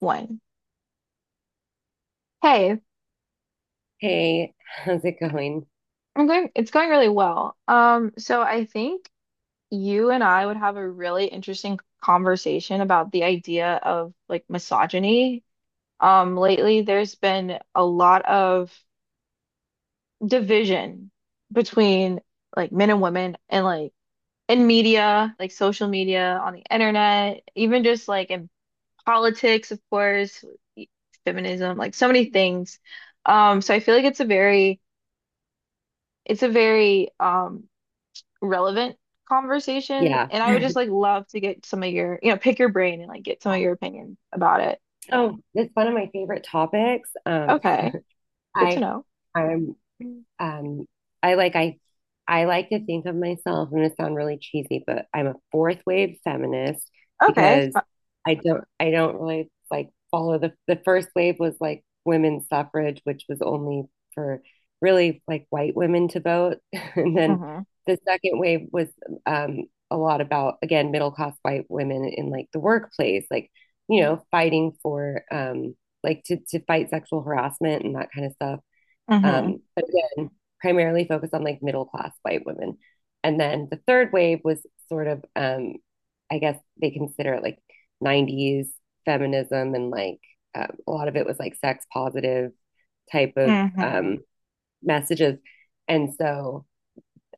One. Hey, Hey, how's it going? I'm going, it's going really well. So I think you and I would have a really interesting conversation about the idea of like misogyny. Lately there's been a lot of division between like men and women and like in media, like social media, on the internet, even just like in politics, of course, feminism, like so many things. So I feel like it's a very relevant conversation. Yeah. And I would just like love to get some of your, you know, pick your brain and like get some of your opinions about it. Oh, it's one of my favorite topics. Okay, good to I know. I'm, Mm. um I like I I like to think of myself, I'm gonna sound really cheesy, but I'm a fourth wave feminist Okay. because I don't really like follow the first wave was like women's suffrage, which was only for really like white women to vote. And then Mm-hmm. the second wave was um a lot about again middle class white women in like the workplace, like, you know, fighting for like to fight sexual harassment and that kind of stuff. Mm-hmm. But again, primarily focused on like middle class white women. And then the third wave was sort of, I guess they consider it like 90s feminism and like a lot of it was like sex positive type of Mm-hmm. Messages. And so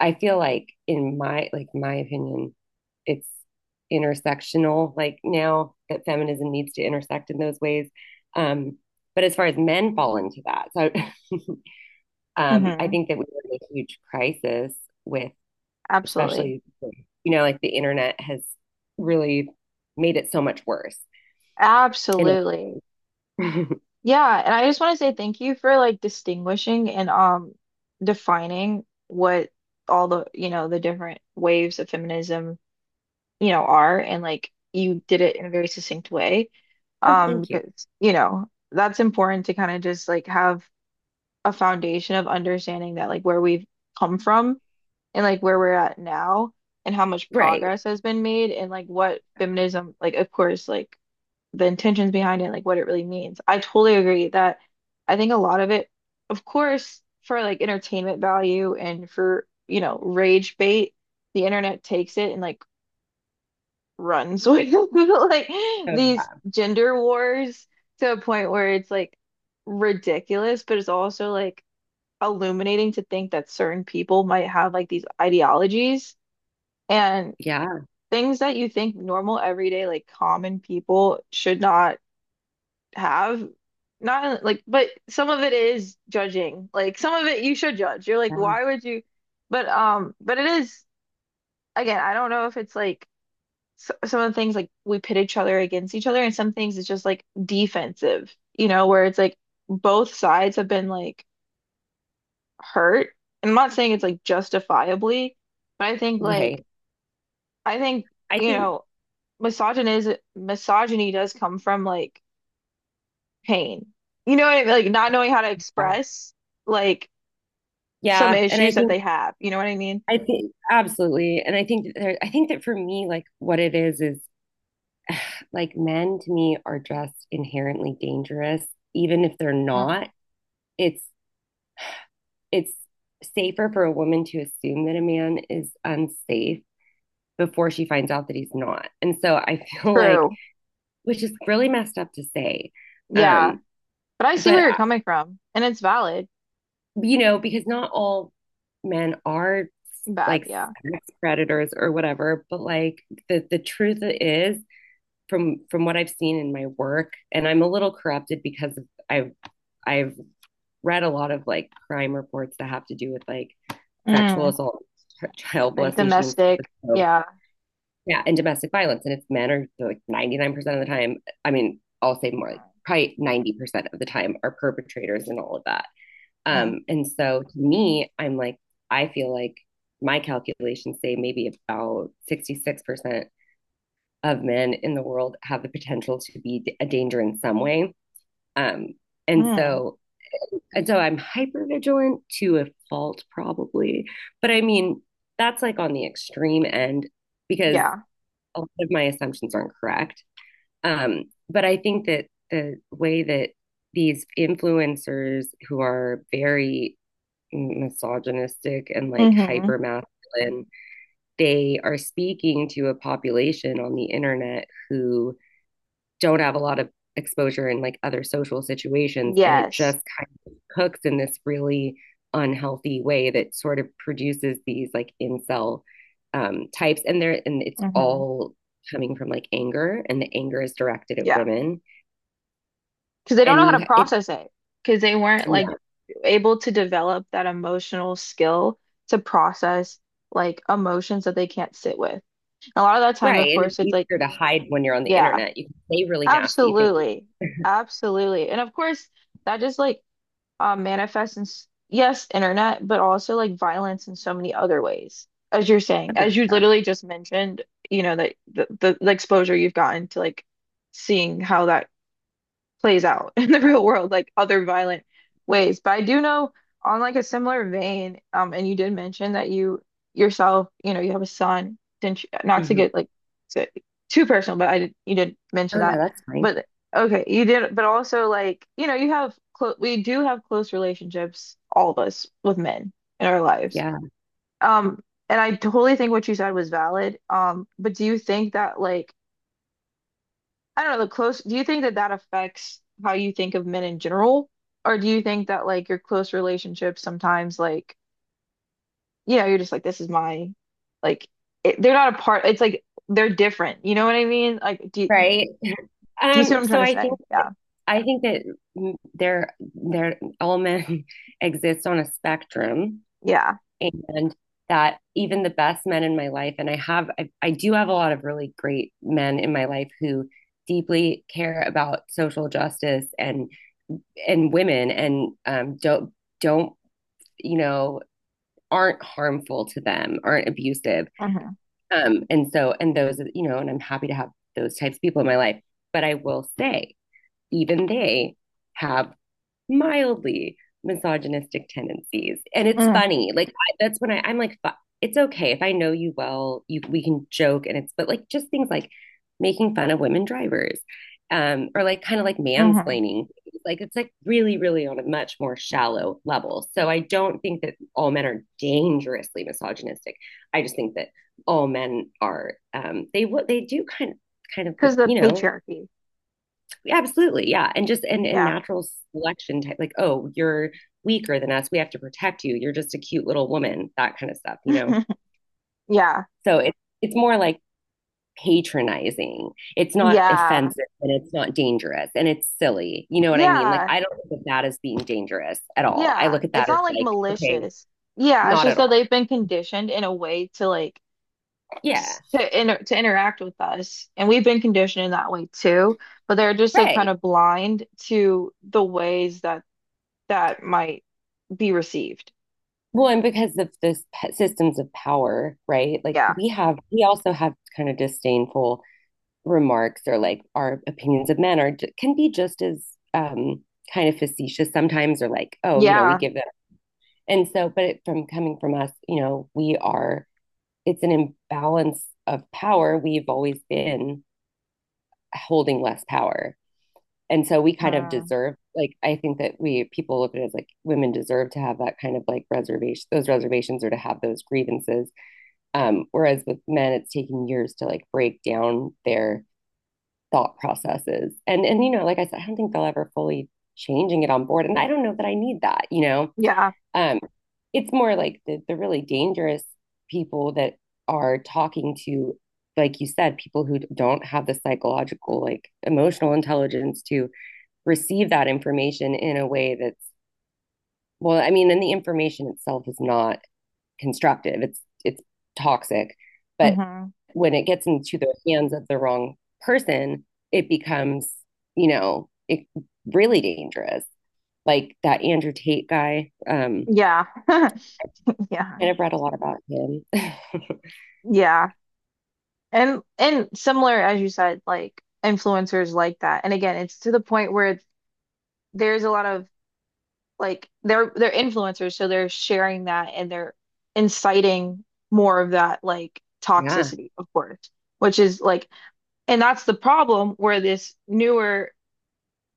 I feel like in my opinion, it's intersectional like now that feminism needs to intersect in those ways. Um, but as far as men fall into that, so I Mm-hmm. think that we were in a huge crisis with, Absolutely. especially, you know, like the internet has really made it so much worse. In Absolutely. a- Yeah, and I just want to say thank you for like distinguishing and defining what all the, you know, the different waves of feminism you know, are and like you did it in a very succinct way. oh, Um, thank you. because, you know, that's important to kind of just like have a foundation of understanding that like where we've come from and like where we're at now and how much Right. progress has been made and like what feminism, like of course, like the intentions behind it, like what it really means. I totally agree that I think a lot of it, of course, for like entertainment value and for, you know, rage bait, the internet takes it and like runs with like these Oh, gender wars to a point where it's like ridiculous, but it's also like illuminating to think that certain people might have like these ideologies and yeah. Yeah. things that you think normal, everyday, like common people should not have. Not like, but some of it is judging. Like some of it you should judge. You're like, Yeah. why would you? But it is again, I don't know if it's like so, some of the things like we pit each other against each other, and some things it's just like defensive, you know, where it's like both sides have been like hurt. And I'm not saying it's like justifiably, but I think like Right. I think, I you think. know, misogyny is misogyny does come from like pain. You know what I mean? Like not knowing how to Yeah. express like some Yeah. And I issues that think. they have. You know what I mean? I think absolutely, and I think that I think that for me, like what it is like men to me are just inherently dangerous, even if they're Mm. not. It's it's safer for a woman to assume that a man is unsafe before she finds out that he's not. And so I feel like, True. which is really messed up to say. Yeah. Um, But I see but, where you're I- coming from, and it's valid. you know, because not all men are Bad, like yeah. sex predators or whatever, but like the truth is from what I've seen in my work, and I'm a little corrupted because I've, I've read a lot of like crime reports that have to do with like sexual Mm. assault, child Like molestation, domestic. Yeah. yeah, and domestic violence. And it's men are like 99% of the time. I mean, I'll say more like probably 90% of the time are perpetrators and all of that. And so to me, I'm like, I feel like my calculations say maybe about 66% of men in the world have the potential to be a danger in some way. Um, and Mm-hmm. so and so I'm hyper vigilant to a fault, probably. But I mean, that's like on the extreme end because Yeah. a lot of my assumptions aren't correct. Um, but I think that the way that these influencers who are very misogynistic and like Mm-hmm. hyper masculine, they are speaking to a population on the internet who don't have a lot of exposure in like other social situations, and it Yes. just kind of cooks in this really unhealthy way that sort of produces these like incel types, and they're and it's Mm-hmm. all coming from like anger, and the anger is directed at Yeah. women Because they don't know and how to you it process it. Because they weren't like yeah, able to develop that emotional skill to process like emotions that they can't sit with. A lot of that time, right, of and it's course, it's like, easier to hide when you're on the yeah, internet, you can say really nasty absolutely. things. Absolutely. And of course, that just like manifests in s- yes, internet, but also like violence in so many other ways. As you're saying, as you Yeah. literally just mentioned, you know, that the exposure you've gotten to like seeing how that plays out in the real world, like other violent ways. But I do know on like a similar vein, and you did mention that you yourself, you know, you have a son, didn't you, not to Mhm. get like to, too personal, but I did, you did mention Oh, no, that. that's fine. But okay, you did, but also like, you know, you have close, we do have close relationships, all of us with men in our lives. Yeah, Um, and I totally think what you said was valid. But do you think that like I don't know, the close, do you think that that affects how you think of men in general? Or do you think that like your close relationships sometimes like, you know, you're just like, this is my, like, it, they're not a part, it's like they're different. You know what I mean? Like, right. do you see what um I'm trying so to i think say? Yeah. I think that mm, there all men exist on a spectrum, Yeah. and that even the best men in my life, and I do have a lot of really great men in my life who deeply care about social justice and women, and don't you know, aren't harmful to them, aren't abusive. Mm-hmm. And those, you know, and I'm happy to have those types of people in my life, but I will say even they have mildly misogynistic tendencies. And it's Mm-hmm. funny. That's when I'm like, it's okay if I know you well, you we can joke and it's but like just things like making fun of women drivers. Or like kind of like Mm-hmm. mansplaining. Like it's like really, really on a much more shallow level. So I don't think that all men are dangerously misogynistic. I just think that all men are they what they do kind of look, Because the you know, patriarchy. yeah, absolutely, yeah, and just and Yeah. natural selection type, like, oh, you're weaker than us, we have to protect you. You're just a cute little woman, that kind of stuff, you know. Yeah. So it's more like patronizing. It's not Yeah. offensive and it's not dangerous and it's silly. You know what I mean? Like, Yeah. I don't look at that as being dangerous at all. I Yeah. look at It's that as not like like, okay, malicious. Yeah. It's not just at that all. they've been conditioned in a way to like, Yeah, s- to interact with us, and we've been conditioned in that way too. But they're just like kind right. of blind to the ways that that might be received. Well, and because of systems of power, right? Like Yeah, we have, we also have kind of disdainful remarks, or like our opinions of men are can be just as um, kind of facetious sometimes, or like oh, you know, we yeah, give them, and so but from coming from us, you know, we are, it's an imbalance of power, we've always been holding less power, and so we kind of Mm. deserve, like I think that we people look at it as like women deserve to have that kind of like reservation those reservations, or to have those grievances. Whereas with men it's taken years to like break down their thought processes. And you know, like I said, I don't think they'll ever fully change and get on board. And I don't know that I need that, you know. yeah, Um, it's more like the really dangerous people that are talking to, like you said, people who don't have the psychological, like emotional intelligence to receive that information in a way that's I mean, and the information itself is not constructive. It's toxic. But hmm when it gets into the hands of the wrong person, it becomes, you know, it really dangerous. Like that Andrew Tate guy, yeah, yeah, and I've read a lot about him. yeah, and similar as you said, like influencers like that. And again, it's to the point where there's a lot of like they're influencers, so they're sharing that and they're inciting more of that like Yeah. toxicity, of course, which is like, and that's the problem where this newer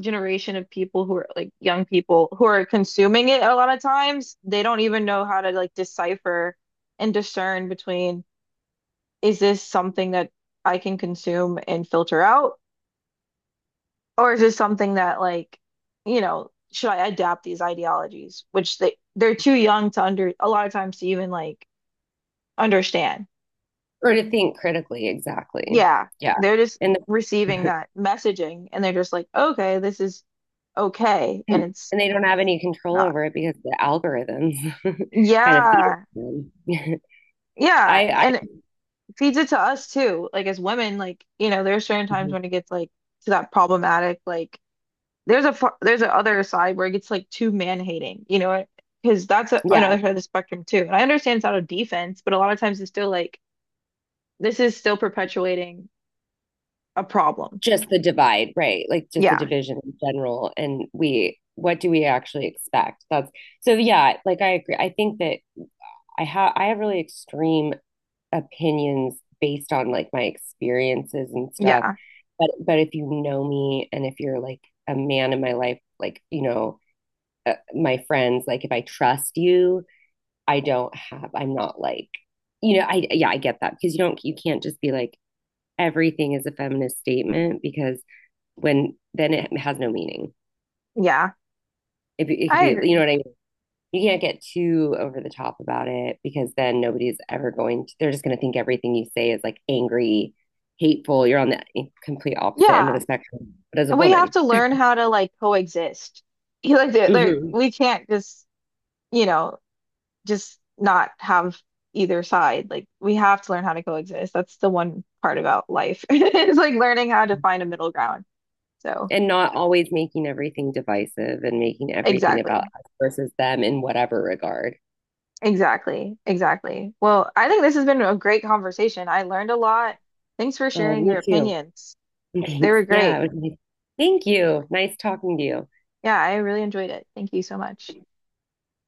generation of people who are like young people who are consuming it a lot of times, they don't even know how to like decipher and discern between is this something that I can consume and filter out? Or is this something that like, you know, should I adapt these ideologies, which they're too young to under a lot of times to even like understand. Or to think critically, exactly. Yeah, Yeah. they're just And receiving that messaging and they're just like, okay, this is okay, and the, it's and they don't have any control not. over it because the algorithms kind of feed it Yeah, to them. I, yeah, I, and it feeds it to us too. Like as women, like you know, there are certain times when it gets like to that problematic, like There's a far, there's a other side where it gets like too man-hating, you know, because that's a, yeah, another side of the spectrum too. And I understand it's out of defense, but a lot of times it's still like this is still perpetuating a problem. just the divide, right? Like just the Yeah, division in general. And we, what do we actually expect? That's so, yeah, like I agree. I think that I have really extreme opinions based on like my experiences and stuff. yeah, But if you know me and if you're like a man in my life, like, you know, my friends, like if I trust you, I don't have, I'm not like, you know, yeah, I get that because you don't, you can't just be like, everything is a feminist statement, because when then it has no meaning. yeah. It could I be, you know agree. what I mean? You can't get too over the top about it, because then nobody's ever going to, they're just going to think everything you say is like angry, hateful. You're on the complete opposite end of Yeah, the spectrum, but as a and we have woman. to learn how to like coexist. You like Hmm. we can't just you know just not have either side. Like we have to learn how to coexist. That's the one part about life. is like learning how to find a middle ground. So And not always making everything divisive and making everything about exactly. us versus them in whatever regard. Exactly, exactly. Well, I think this has been a great conversation. I learned a lot. Thanks for Oh, sharing your me too. opinions. They Thanks. were Yeah. great. It was nice. Thank you. Nice talking to you. Yeah, I really enjoyed it. Thank you so much.